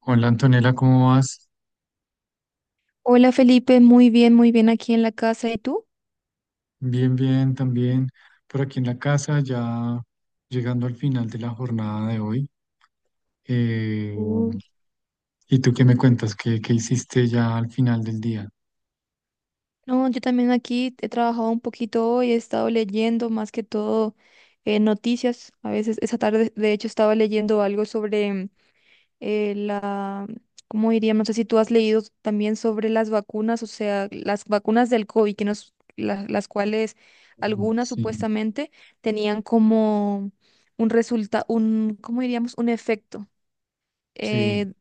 Hola Antonella, ¿cómo vas? Hola Felipe, muy bien aquí en la casa. ¿Y tú? Bien, bien, también por aquí en la casa, ya llegando al final de la jornada de hoy. Eh, Mm. ¿Y tú qué me cuentas? ¿¿Qué hiciste ya al final del día? No, yo también aquí he trabajado un poquito hoy, he estado leyendo más que todo noticias. A veces esa tarde, de hecho, estaba leyendo algo sobre la, ¿cómo diría? No sé si tú has leído también sobre las vacunas, o sea, las vacunas del COVID, que nos, las cuales Mm. algunas Sí, supuestamente tenían como un resultado, un, ¿cómo diríamos? Un efecto. sí, eh,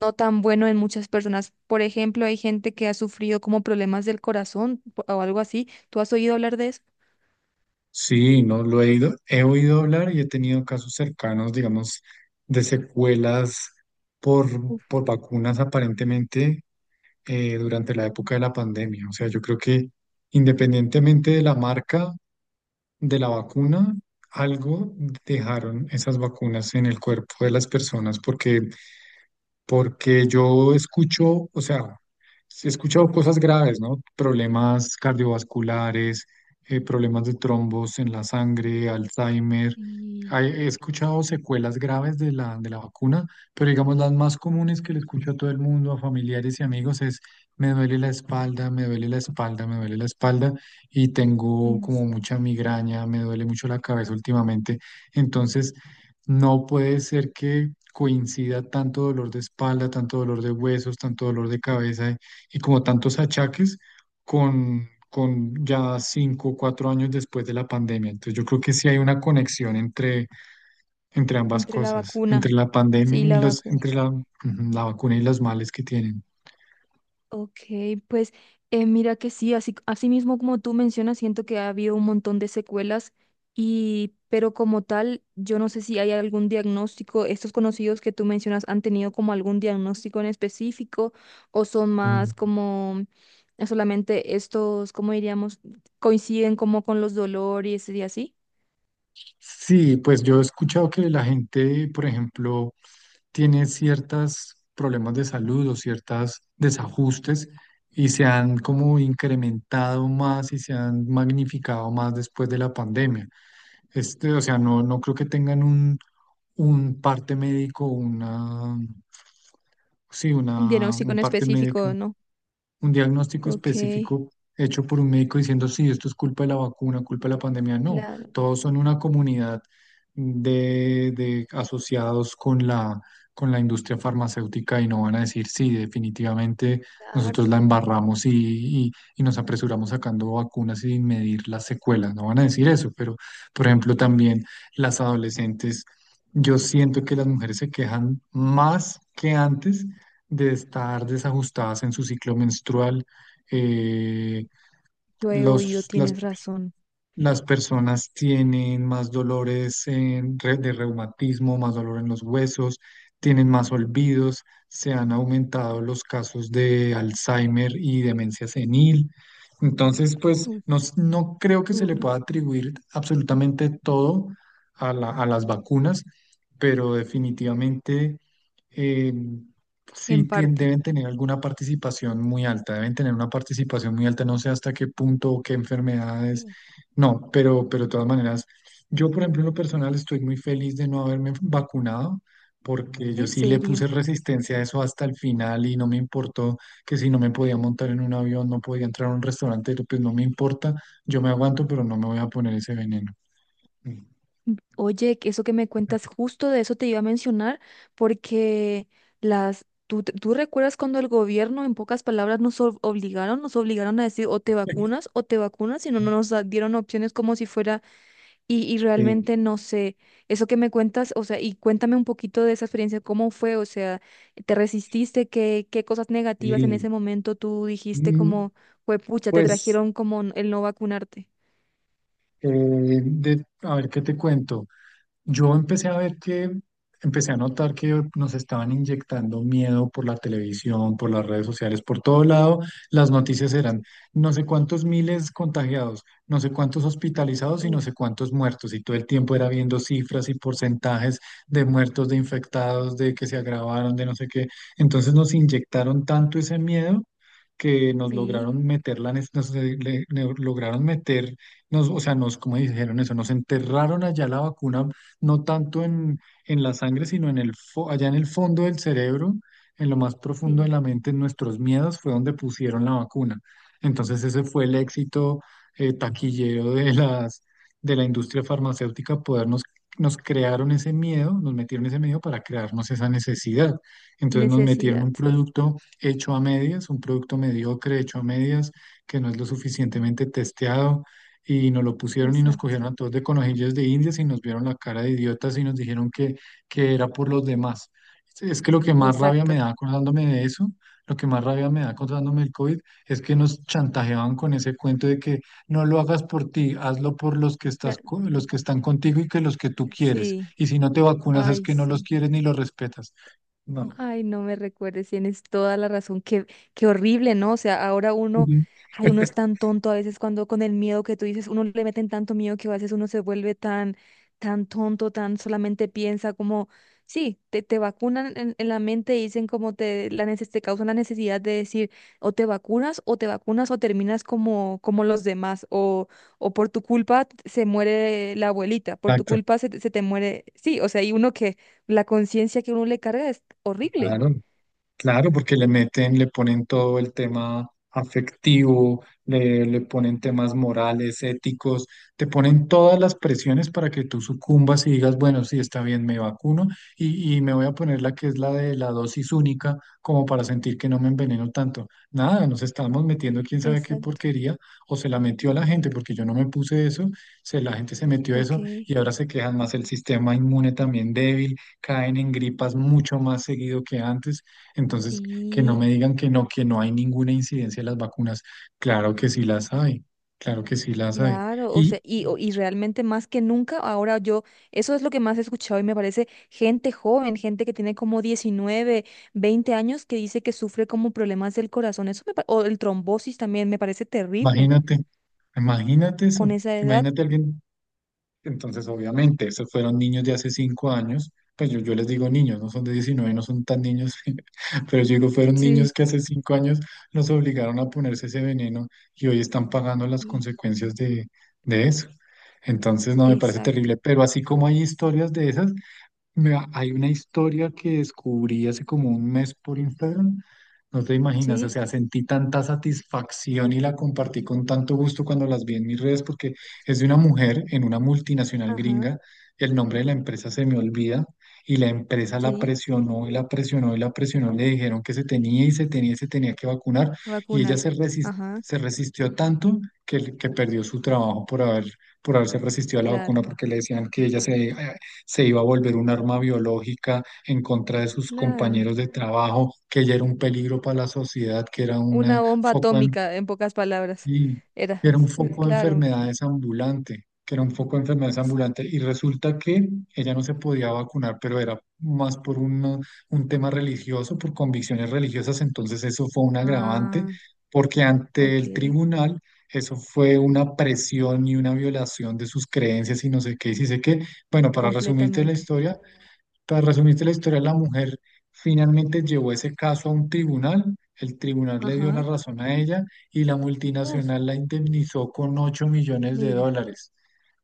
no tan bueno en muchas personas. Por ejemplo, hay gente que ha sufrido como problemas del corazón o algo así. ¿Tú has oído hablar de eso? sí, no lo he ido, he oído hablar y he tenido casos cercanos, digamos, de secuelas por, Uf. por vacunas aparentemente durante la época de la pandemia. O sea, yo creo que independientemente de la marca, de la vacuna, algo dejaron esas vacunas en el cuerpo de las personas porque yo escucho, o sea, he escuchado cosas graves, ¿no? Problemas cardiovasculares, problemas de trombos en la sangre, Alzheimer. y He escuchado secuelas graves de la vacuna, pero digamos las más comunes que le escucho a todo el mundo, a familiares y amigos, es me duele la espalda, me duele la espalda, me duele la espalda y tengo en- como mucha migraña, me duele mucho la cabeza últimamente. Entonces, no puede ser que coincida tanto dolor de espalda, tanto dolor de huesos, tanto dolor de cabeza y como tantos achaques con ya 5 o 4 años después de la pandemia. Entonces yo creo que sí hay una conexión entre ambas Entre la cosas, vacuna. entre la pandemia Sí, y la los, vacuna. entre ujú, la vacuna y los males que tienen. Ok, pues mira que sí, así, así mismo como tú mencionas, siento que ha habido un montón de secuelas y, pero como tal, yo no sé si hay algún diagnóstico, estos conocidos que tú mencionas han tenido como algún diagnóstico en específico o son Mm. más como solamente estos, ¿cómo diríamos? Coinciden como con los dolores y así. Sí, pues yo he escuchado que la gente, por ejemplo, tiene ciertos problemas de salud o ciertos desajustes y se han como incrementado más y se han magnificado más después de la pandemia. Este, o sea, no, no creo que tengan un parte médico, una, sí, Un una, diagnóstico un en parte específico, médico, ¿no? un diagnóstico Ok, específico hecho por un médico diciendo: sí, esto es culpa de la vacuna, culpa de la pandemia. No, claro, todos son una comunidad de asociados con la industria farmacéutica, y no van a decir: sí, definitivamente nosotros la claro. embarramos y, y nos apresuramos sacando vacunas sin medir las secuelas. No van a decir eso, pero, por ejemplo, también las adolescentes. Yo siento que las mujeres se quejan más que antes de estar desajustadas en su ciclo menstrual. eh, Yo he oído, los, las tienes razón. las personas tienen más dolores de reumatismo, más dolor en los huesos, tienen más olvidos, se han aumentado los casos de Alzheimer y demencia senil. Entonces, pues no, Uf, no creo que se le duro, pueda atribuir absolutamente todo a las vacunas, pero definitivamente eh, sí en parte. deben tener alguna participación muy alta, deben tener una participación muy alta, no sé hasta qué punto o qué enfermedades no, pero de todas maneras, yo por ejemplo en lo personal estoy muy feliz de no haberme vacunado, porque yo En sí le puse serio. resistencia a eso hasta el final y no me importó que si no me podía montar en un avión, no podía entrar a un restaurante, pues no me importa, yo me aguanto, pero no me voy a poner ese veneno. Oye, que eso que me cuentas, justo de eso te iba a mencionar, porque las, ¿tú, tú recuerdas cuando el gobierno, en pocas palabras, nos obligaron a decir o te vacunas, y no nos dieron opciones como si fuera, y Sí, realmente no sé, eso que me cuentas, o sea, y cuéntame un poquito de esa experiencia, ¿cómo fue? O sea, ¿te resististe? ¿Qué, qué cosas negativas en y ese momento tú dijiste mm, como, fue pucha, te pues, trajeron como el no vacunarte? eh, a ver qué te cuento. Yo empecé a ver que. Empecé a notar que nos estaban inyectando miedo por la televisión, por las redes sociales, por todo lado. Las noticias eran: no sé cuántos miles contagiados, no sé cuántos hospitalizados y no Uf, sé cuántos muertos. Y todo el tiempo era viendo cifras y porcentajes de muertos, de infectados, de que se agravaron, de no sé qué. Entonces nos inyectaron tanto ese miedo que nos sí, lograron meter la, nos, lograron meter, nos, o sea, nos, como dijeron eso, nos enterraron allá la vacuna, no tanto en la sangre, sino allá en el fondo del cerebro, en lo más profundo de sí. la mente, en nuestros miedos, fue donde pusieron la vacuna. Entonces ese fue el éxito, taquillero, de la industria farmacéutica: podernos, nos crearon ese miedo, nos metieron ese miedo para crearnos esa necesidad. Entonces nos metieron Necesidad. un producto hecho a medias, un producto mediocre hecho a medias, que no es lo suficientemente testeado, y nos lo pusieron, y nos Exacto. cogieron a todos de conejillos de indias, y nos vieron la cara de idiotas, y nos dijeron que era por los demás. Es que lo que más rabia me Exacto. da acordándome de eso, lo que más rabia me da acordándome del COVID, es que nos chantajeaban con ese cuento de que no lo hagas por ti, hazlo por La- los que están contigo y que los que tú quieres. sí. Y si no te vacunas es Ay, que no los sí. quieres ni los respetas. No. Ay, no me recuerdes, tienes toda la razón. Qué, qué horrible, ¿no? O sea, ahora uno, Ujú. ay, uno es tan tonto a veces cuando con el miedo que tú dices, uno le meten tanto miedo que a veces uno se vuelve tan, tan tonto, tan solamente piensa como, sí, te vacunan en, la mente y dicen como te, la te causan la necesidad de decir, o te vacunas, o te vacunas, o terminas como, como los demás, o por tu culpa se muere la abuelita, por tu Exacto. culpa se te muere, sí, o sea, hay uno que la conciencia que uno le carga es horrible. Claro. Claro, porque le meten, le ponen todo el tema afectivo, le ponen temas morales, éticos, te ponen todas las presiones para que tú sucumbas y digas: bueno, sí, está bien, me vacuno, y me voy a poner la que es la de la dosis única, como para sentir que no me enveneno tanto. Nada, nos estamos metiendo quién sabe qué Exacto. porquería, o se la metió a la gente, porque yo no me puse eso. Se, la gente se metió eso Ok. y ahora se quejan más: el sistema inmune también débil, caen en gripas mucho más seguido que antes. Entonces, que no Sí, me digan que no hay ninguna incidencia de las vacunas. Claro que sí las hay, claro que sí las hay. claro, o sea, Y y, o- y realmente más que nunca, ahora yo, eso es lo que más he escuchado y me parece gente joven, gente que tiene como 19 20 años que dice que sufre como problemas del corazón, eso me, o el trombosis también me parece terrible imagínate, imagínate con eso, esa edad. imagínate alguien, entonces obviamente, esos fueron niños de hace 5 años, pues yo les digo niños, no son de 19, no son tan niños, pero yo digo, fueron Sí. niños que hace 5 años los obligaron a ponerse ese veneno y hoy están pagando las Sí, consecuencias de eso. Entonces, no, me parece exacto, terrible, pero así como hay historias de esas, mira, hay una historia que descubrí hace como un mes por Instagram. No te imaginas, o sí, sea, sentí tanta satisfacción y la compartí con tanto gusto cuando las vi en mis redes, porque es de una mujer en una multinacional ajá, gringa. El nombre de la empresa se me olvida, y la empresa la sí, presionó y la presionó y la presionó. Le dijeron que se tenía y se tenía y se tenía que vacunar, y ella vacunar, se resis- ajá, se resistió tanto que perdió su trabajo por haberse resistido a la claro, vacuna, porque le decían que ella se iba a volver un arma biológica en contra de sus claro. compañeros de trabajo, que ya era un peligro para la sociedad, que era un Una bomba atómica, en pocas palabras. Sí, Era, que era un foco de claro. enfermedades ambulante, que era un foco de enfermedades ambulante. Y resulta que ella no se podía vacunar, pero era más un tema religioso, por convicciones religiosas. Entonces eso fue un agravante, Ah, porque ante ok, el tribunal eso fue una presión y una violación de sus creencias y no sé qué, y sí sé qué. Bueno, para resumirte la completamente. historia, la mujer finalmente llevó ese caso a un tribunal, el tribunal le Ajá. dio la razón a ella, y la Uf, multinacional la indemnizó con ocho millones de mira, dólares.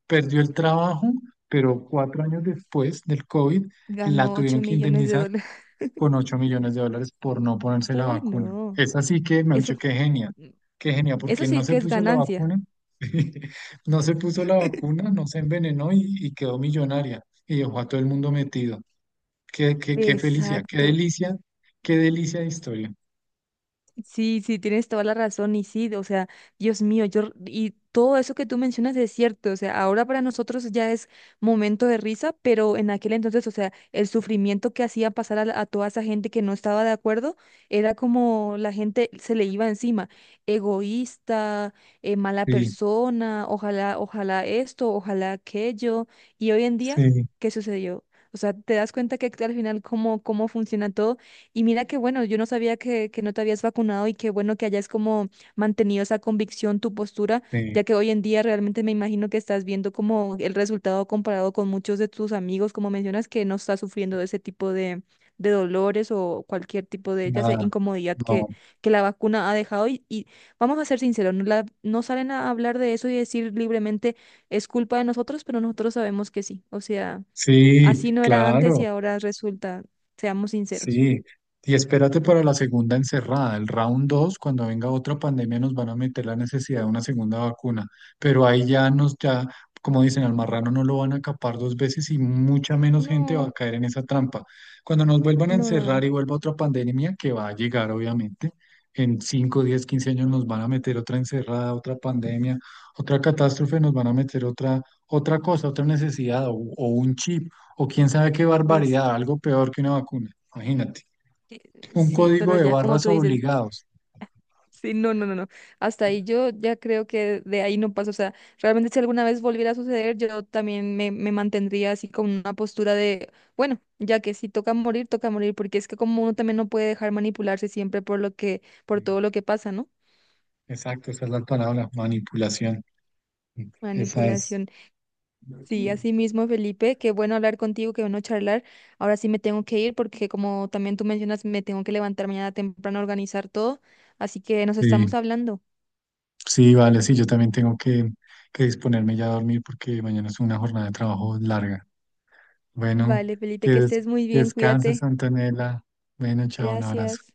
Perdió el trabajo, pero 4 años después del COVID la ganó tuvieron ocho que millones de indemnizar dólares. con $8 millones por no ponerse la Uy, vacuna. no. Es así que, me han Eso, dicho, qué genial, eso porque no sí se que es puso la ganancia. vacuna, no se puso la vacuna, no se envenenó y quedó millonaria y dejó a todo el mundo metido. Qué felicidad, Exacto. Qué delicia de historia. Sí, sí, tienes toda la razón y sí, o sea, Dios mío, yo y todo eso que tú mencionas es cierto, o sea, ahora para nosotros ya es momento de risa, pero en aquel entonces, o sea, el sufrimiento que hacía pasar a, a toda esa gente que no estaba de acuerdo era como la gente se le iba encima, egoísta, mala Sí, persona, ojalá, ojalá esto, ojalá aquello, y hoy en día, sí, ¿qué sucedió? O sea, te das cuenta que al final cómo funciona todo. Y mira que bueno, yo no sabía que no te habías vacunado y qué bueno que hayas como mantenido esa convicción, tu postura, sí, ya que hoy en día realmente me imagino que estás viendo como el resultado comparado con muchos de tus amigos, como mencionas, que no estás sufriendo de ese tipo de, dolores o cualquier tipo de, ya sea, nada, incomodidad que, no. que la vacuna ha dejado. Y vamos a ser sinceros, no, no salen a hablar de eso y decir libremente es culpa de nosotros, pero nosotros sabemos que sí. O sea, así Sí, no era antes y claro. ahora resulta, seamos sinceros. Sí, y espérate para la segunda encerrada, el round 2, cuando venga otra pandemia nos van a meter la necesidad de una segunda vacuna, pero ahí ya nos, ya, como dicen, al marrano no lo van a capar 2 veces y mucha menos gente va a No, caer en esa trampa. Cuando nos vuelvan a no, no, no, no. encerrar y vuelva otra pandemia, que va a llegar obviamente, en 5, 10, 15 años nos van a meter otra encerrada, otra pandemia, otra catástrofe, nos van a meter otra, otra cosa, otra necesidad, o un chip o quién sabe qué Pues barbaridad, algo peor que una vacuna. Imagínate. Un sí, código pero de ya como barras tú dices, obligados. sí, no, no, no, no. Hasta ahí yo ya creo que de ahí no pasa. O sea, realmente si alguna vez volviera a suceder, yo también me mantendría así con una postura de, bueno, ya que si toca morir, toca morir, porque es que como uno también no puede dejar manipularse siempre por lo que, por Sí. todo lo que pasa, ¿no? Exacto, esa es la palabra, manipulación. Esa es. Manipulación. Sí, así mismo, Felipe, qué bueno hablar contigo, qué bueno charlar. Ahora sí me tengo que ir porque como también tú mencionas, me tengo que levantar mañana temprano a organizar todo, así que nos estamos Sí, hablando. sí, vale, sí, yo también tengo que disponerme ya a dormir porque mañana es una jornada de trabajo larga. Bueno, Vale, Felipe, que, que des- estés muy que bien, descanses, cuídate. Antonella. Bueno, chao, un abrazo. Gracias.